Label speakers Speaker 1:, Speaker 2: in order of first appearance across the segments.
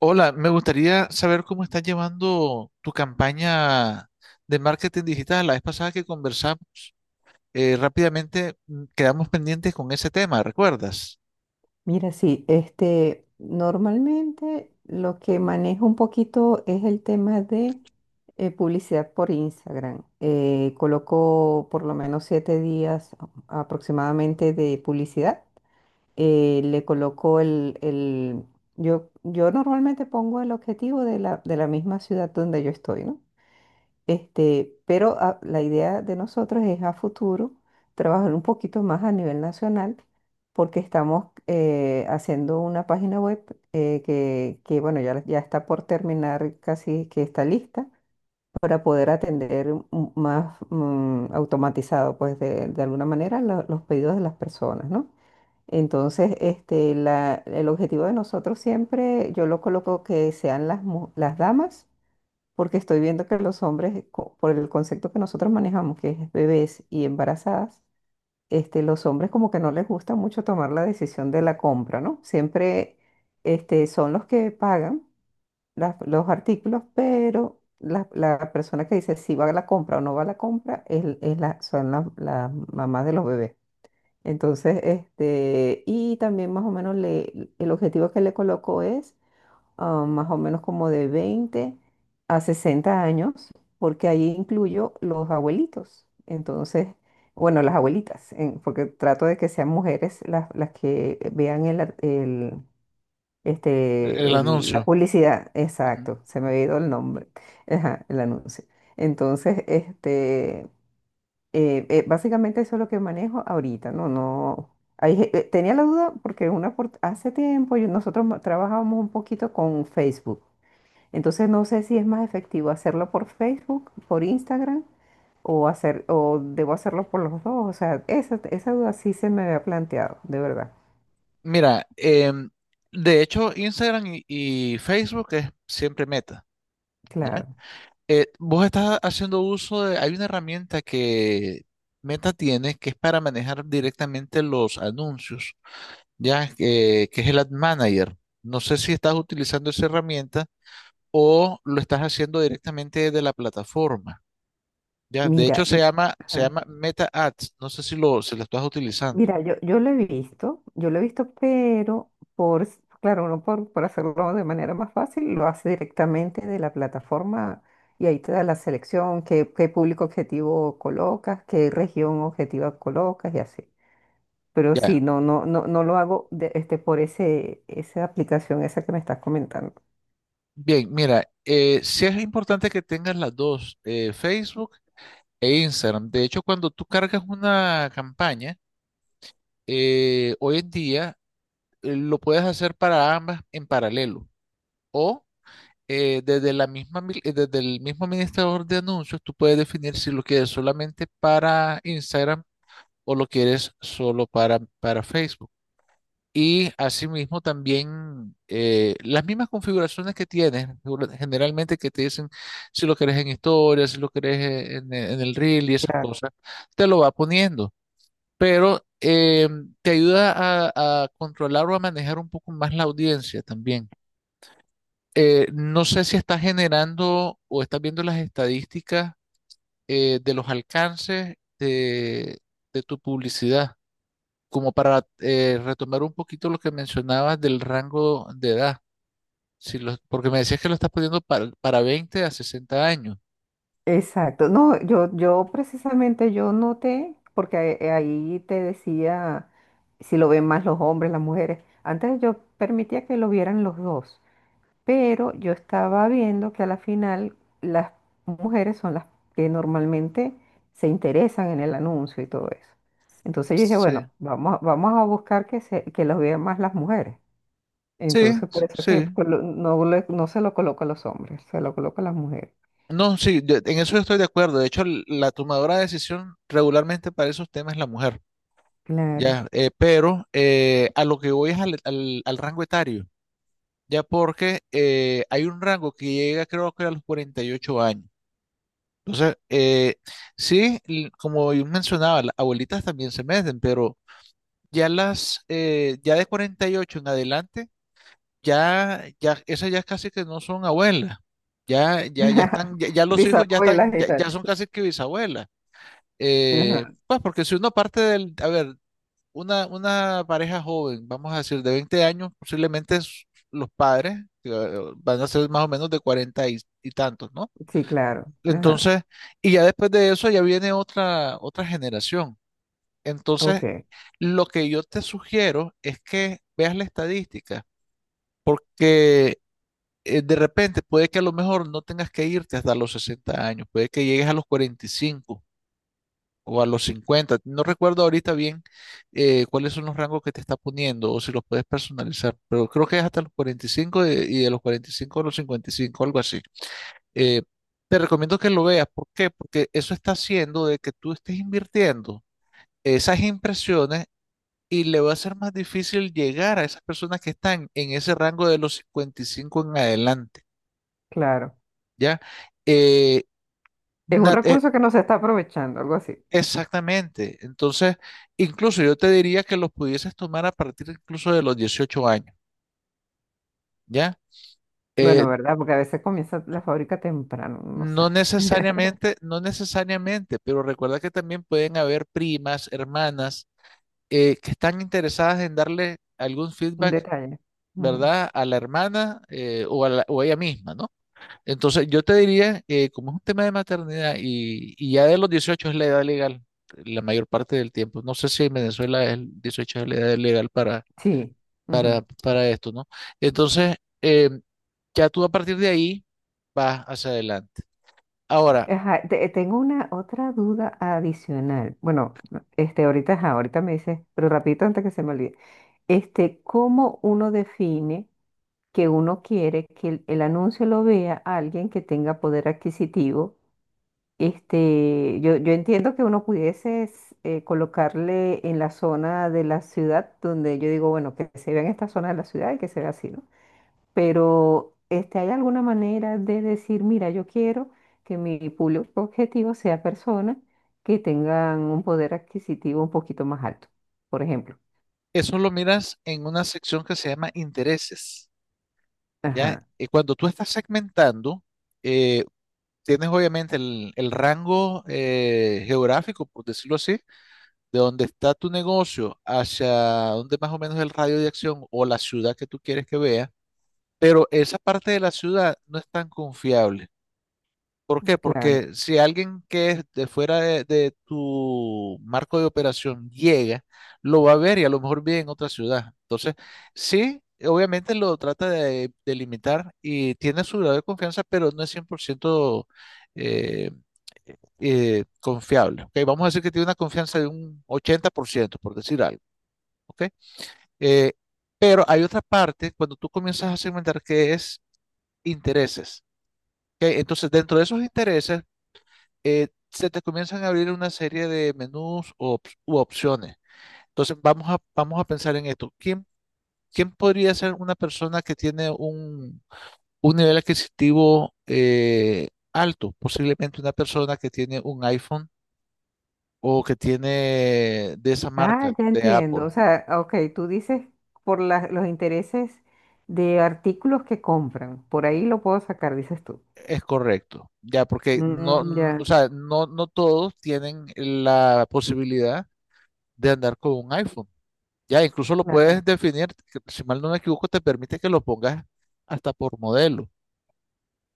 Speaker 1: Hola, me gustaría saber cómo estás llevando tu campaña de marketing digital. La vez pasada que conversamos, rápidamente quedamos pendientes con ese tema, ¿recuerdas?
Speaker 2: Mira, sí, este, normalmente lo que manejo un poquito es el tema de publicidad por Instagram. Coloco por lo menos 7 días aproximadamente de publicidad. Le coloco. Yo normalmente pongo el objetivo de la misma ciudad donde yo estoy, ¿no? Este, pero la idea de nosotros es a futuro trabajar un poquito más a nivel nacional porque estamos haciendo una página web, que, bueno, ya está por terminar, casi que está lista para poder atender más, automatizado, pues de alguna manera los pedidos de las personas, ¿no? Entonces, este, el objetivo de nosotros siempre, yo lo coloco que sean las damas, porque estoy viendo que los hombres, por el concepto que nosotros manejamos, que es bebés y embarazadas, este, los hombres como que no les gusta mucho tomar la decisión de la compra, ¿no? Siempre, este, son los que pagan los artículos, pero la persona que dice si va a la compra o no va a la compra son las mamás de los bebés. Entonces, este, y también más o menos el objetivo que le coloco es más o menos como de 20 a 60 años, porque ahí incluyo los abuelitos. Entonces, bueno, las abuelitas, porque trato de que sean mujeres las que vean el, ar- el-
Speaker 1: El
Speaker 2: este, el- la
Speaker 1: anuncio.
Speaker 2: publicidad.
Speaker 1: Ujú.
Speaker 2: Exacto, se me había ido el nombre, ajá, el anuncio. Entonces, este, básicamente eso es lo que manejo ahorita, ¿no? No. Ahí, tenía la duda porque hace tiempo trabajábamos un poquito con Facebook. Entonces no sé si es más efectivo hacerlo por Facebook, por Instagram o hacer o debo hacerlo por los dos. O sea, esa duda sí se me había planteado, de verdad.
Speaker 1: Mira, de hecho, Instagram y Facebook es siempre Meta, ¿ya?
Speaker 2: Claro.
Speaker 1: Vos estás haciendo uso de, hay una herramienta que Meta tiene que es para manejar directamente los anuncios ya, que es el Ad Manager. No sé si estás utilizando esa herramienta o lo estás haciendo directamente de la plataforma. Ya, de
Speaker 2: Mira,
Speaker 1: hecho se llama, se
Speaker 2: ajá.
Speaker 1: llama Meta Ads. No sé si lo estás utilizando.
Speaker 2: Mira, yo lo he visto, yo lo he visto, pero claro, uno por hacerlo de manera más fácil, lo hace directamente de la plataforma y ahí te da la selección, qué público objetivo colocas, qué región objetiva colocas y así. Pero sí,
Speaker 1: Ya.
Speaker 2: no, no, no, no lo hago este, por esa aplicación, esa que me estás comentando.
Speaker 1: Bien, mira, sí es importante que tengas las dos, Facebook e Instagram. De hecho, cuando tú cargas una campaña, hoy en día lo puedes hacer para ambas en paralelo. O desde la misma, mil- desde el mismo administrador de anuncios, tú puedes definir si lo quieres solamente para Instagram o lo quieres solo para Facebook. Y asimismo también las mismas configuraciones que tienes, generalmente que te dicen si lo querés en historia, si lo querés en el reel y esas
Speaker 2: Claro.
Speaker 1: cosas, te lo va poniendo. Pero te ayuda a controlar o a manejar un poco más la audiencia también. No sé si estás generando o estás viendo las estadísticas de los alcances de tu publicidad, como para retomar un poquito lo que mencionabas del rango de edad, si lo- porque me decías que lo estás poniendo para 20 a 60 años.
Speaker 2: Exacto. No, yo precisamente yo noté, porque ahí te decía si lo ven más los hombres, las mujeres. Antes yo permitía que lo vieran los dos, pero yo estaba viendo que a la final las mujeres son las que normalmente se interesan en el anuncio y todo eso. Entonces yo dije,
Speaker 1: Sí,
Speaker 2: bueno, vamos a buscar que los vean más las mujeres.
Speaker 1: sí,
Speaker 2: Entonces, por eso es que
Speaker 1: sí.
Speaker 2: no, no se lo coloca a los hombres, se lo coloca a las mujeres.
Speaker 1: No, sí, en eso yo estoy de acuerdo. De hecho, la tomadora de decisión regularmente para esos temas es la mujer,
Speaker 2: Claro.
Speaker 1: ya, pero a lo que voy es al al rango etario. Ya porque hay un rango que llega creo que a los 48 años. Entonces, sí, como yo mencionaba, las abuelitas también se meten, pero ya las, ya de 48 en adelante, ya, ya, esas ya casi que no son abuelas. Ya, ya, ya están, ya, ya los hijos ya
Speaker 2: Bisabuela
Speaker 1: están, ya, ya
Speaker 2: gitana.
Speaker 1: son casi que bisabuelas.
Speaker 2: Ajá.
Speaker 1: Pues porque si uno parte del, a ver, una pareja joven, vamos a decir, de 20 años, posiblemente los padres que, van a ser más o menos de 40 y tantos, ¿no?
Speaker 2: Sí, claro. Ajá.
Speaker 1: Entonces, y ya después de eso ya viene otra generación. Entonces,
Speaker 2: Ok,
Speaker 1: lo que yo te sugiero es que veas la estadística, porque de repente puede que a lo mejor no tengas que irte hasta los 60 años, puede que llegues a los 45 o a los 50. No recuerdo ahorita bien cuáles son los rangos que te está poniendo o si los puedes personalizar, pero creo que es hasta los 45 y de los 45 a los 55 algo así. Eh, te recomiendo que lo veas. ¿Por qué? Porque eso está haciendo de que tú estés invirtiendo esas impresiones y le va a ser más difícil llegar a esas personas que están en ese rango de los 55 en adelante,
Speaker 2: claro.
Speaker 1: ¿ya? Eh,
Speaker 2: Es un
Speaker 1: nat-
Speaker 2: recurso que no se está aprovechando, algo así.
Speaker 1: Exactamente. Entonces, incluso yo te diría que los pudieses tomar a partir incluso de los 18 años, ¿ya? Eh,
Speaker 2: Bueno, ¿verdad? Porque a veces comienza la fábrica temprano, uno no
Speaker 1: no
Speaker 2: sabe.
Speaker 1: necesariamente, no necesariamente, pero recuerda que también pueden haber primas, hermanas, que están interesadas en darle algún
Speaker 2: Un
Speaker 1: feedback,
Speaker 2: detalle. Ujú.
Speaker 1: ¿verdad? A la hermana o a ella misma, ¿no? Entonces, yo te diría, como es un tema de maternidad y ya de los 18 es la edad legal, la mayor parte del tiempo. No sé si en Venezuela el 18 es la edad legal para
Speaker 2: Sí.
Speaker 1: para,
Speaker 2: Ujú.
Speaker 1: para esto, ¿no? Entonces, eh, ya tú a partir de ahí vas hacia adelante. Ahora,
Speaker 2: Ajá, tengo una otra duda adicional. Bueno, este, ahorita, ajá, ahorita me dices, pero rapidito antes que se me olvide. Este, ¿cómo uno define que uno quiere que el anuncio lo vea alguien que tenga poder adquisitivo? Este, yo entiendo que uno pudiese colocarle en la zona de la ciudad donde yo digo, bueno, que se vea en esta zona de la ciudad y que se vea así, ¿no? Pero este, ¿hay alguna manera de decir, mira, yo quiero que mi público objetivo sea personas que tengan un poder adquisitivo un poquito más alto, por ejemplo?
Speaker 1: eso lo miras en una sección que se llama intereses, ¿ya?
Speaker 2: Ajá,
Speaker 1: Y cuando tú estás segmentando, eh, tienes obviamente el rango geográfico, por decirlo así, de donde está tu negocio hacia donde más o menos el radio de acción o la ciudad que tú quieres que vea, pero esa parte de la ciudad no es tan confiable. ¿Por qué?
Speaker 2: claro.
Speaker 1: Porque si alguien que es de fuera de tu marco de operación llega, lo va a ver y a lo mejor vive en otra ciudad. Entonces, sí, obviamente lo trata de limitar y tiene su grado de confianza, pero no es 100% eh, confiable. ¿OK? Vamos a decir que tiene una confianza de un 80%, por ciento, por decir algo. ¿OK? Eh, pero hay otra parte cuando tú comienzas a segmentar que es intereses. ¿OK? Entonces, dentro de esos intereses se te comienzan a abrir una serie de menús u opciones. Entonces, vamos a pensar en esto. ¿Quién podría ser una persona que tiene un nivel adquisitivo alto? Posiblemente una persona que tiene un iPhone o que tiene de esa
Speaker 2: Ah,
Speaker 1: marca,
Speaker 2: ya
Speaker 1: de
Speaker 2: entiendo.
Speaker 1: Apple.
Speaker 2: O sea, ok, tú dices por los intereses de artículos que compran. Por ahí lo puedo sacar, dices tú.
Speaker 1: Es correcto, ya, porque no,
Speaker 2: Mm, ya,
Speaker 1: o sea, no, no todos tienen la posibilidad de andar con un iPhone. Ya incluso lo
Speaker 2: claro.
Speaker 1: puedes definir, que si mal no me equivoco, te permite que lo pongas hasta por modelo.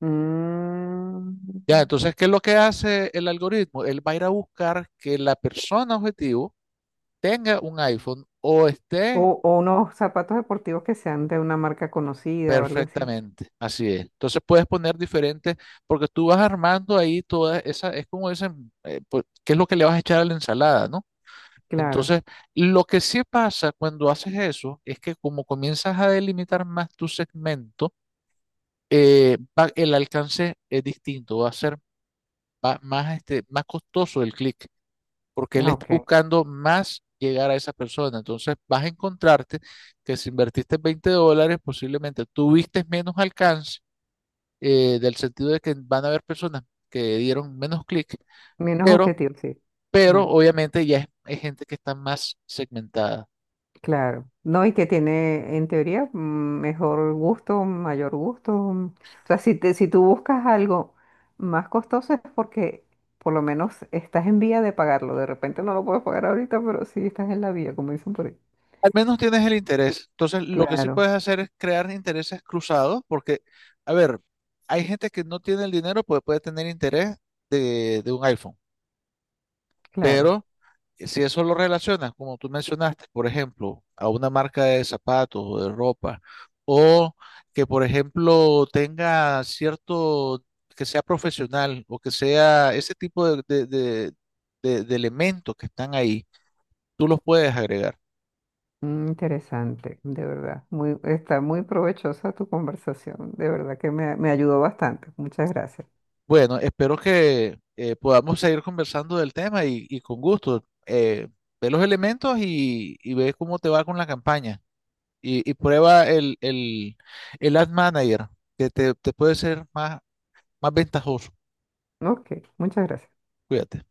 Speaker 2: Mm,
Speaker 1: Ya, entonces, ¿qué es lo que hace el algoritmo? Él va a ir a buscar que la persona objetivo tenga un iPhone o esté.
Speaker 2: o unos zapatos deportivos que sean de una marca conocida o algo así.
Speaker 1: Perfectamente. Así es. Entonces puedes poner diferentes, porque tú vas armando ahí toda esa, es como dicen, pues, qué es lo que le vas a echar a la ensalada, ¿no?
Speaker 2: Claro.
Speaker 1: Entonces, lo que sí pasa cuando haces eso es que como comienzas a delimitar más tu segmento, el alcance es distinto, va a ser más, este, más costoso el clic, porque él
Speaker 2: Ah,
Speaker 1: está
Speaker 2: ok.
Speaker 1: buscando más llegar a esa persona. Entonces vas a encontrarte que si invertiste $20, posiblemente tuviste menos alcance, del sentido de que van a haber personas que dieron menos clic,
Speaker 2: Menos
Speaker 1: pero,
Speaker 2: objetivo, sí.
Speaker 1: pero obviamente ya es gente que está más segmentada.
Speaker 2: Claro, no, y que tiene en teoría, mm, mejor gusto, mayor gusto. Mm. O sea, si tú buscas algo más costoso es porque por lo menos estás en vía de pagarlo. De repente no lo puedes pagar ahorita, pero sí estás en la vía, como dicen por ahí.
Speaker 1: Al menos tienes el interés. Entonces, lo que sí
Speaker 2: Claro,
Speaker 1: puedes hacer es crear intereses cruzados, porque, a ver, hay gente que no tiene el dinero, pues puede tener interés de un iPhone.
Speaker 2: claro.
Speaker 1: Pero si eso lo relacionas, como tú mencionaste, por ejemplo, a una marca de zapatos o de ropa, o que, por ejemplo, tenga cierto, que sea profesional o que sea ese tipo de elementos que están ahí, tú los puedes agregar.
Speaker 2: Mm. Interesante, de verdad. Muy, está muy provechosa tu conversación, de verdad que me ayudó bastante. Muchas gracias.
Speaker 1: Bueno, espero que podamos seguir conversando del tema y con gusto. Ve los elementos y ve cómo te va con la campaña. Y prueba el Ad Manager, que te puede ser más ventajoso.
Speaker 2: Ok, muchas gracias.
Speaker 1: Cuídate.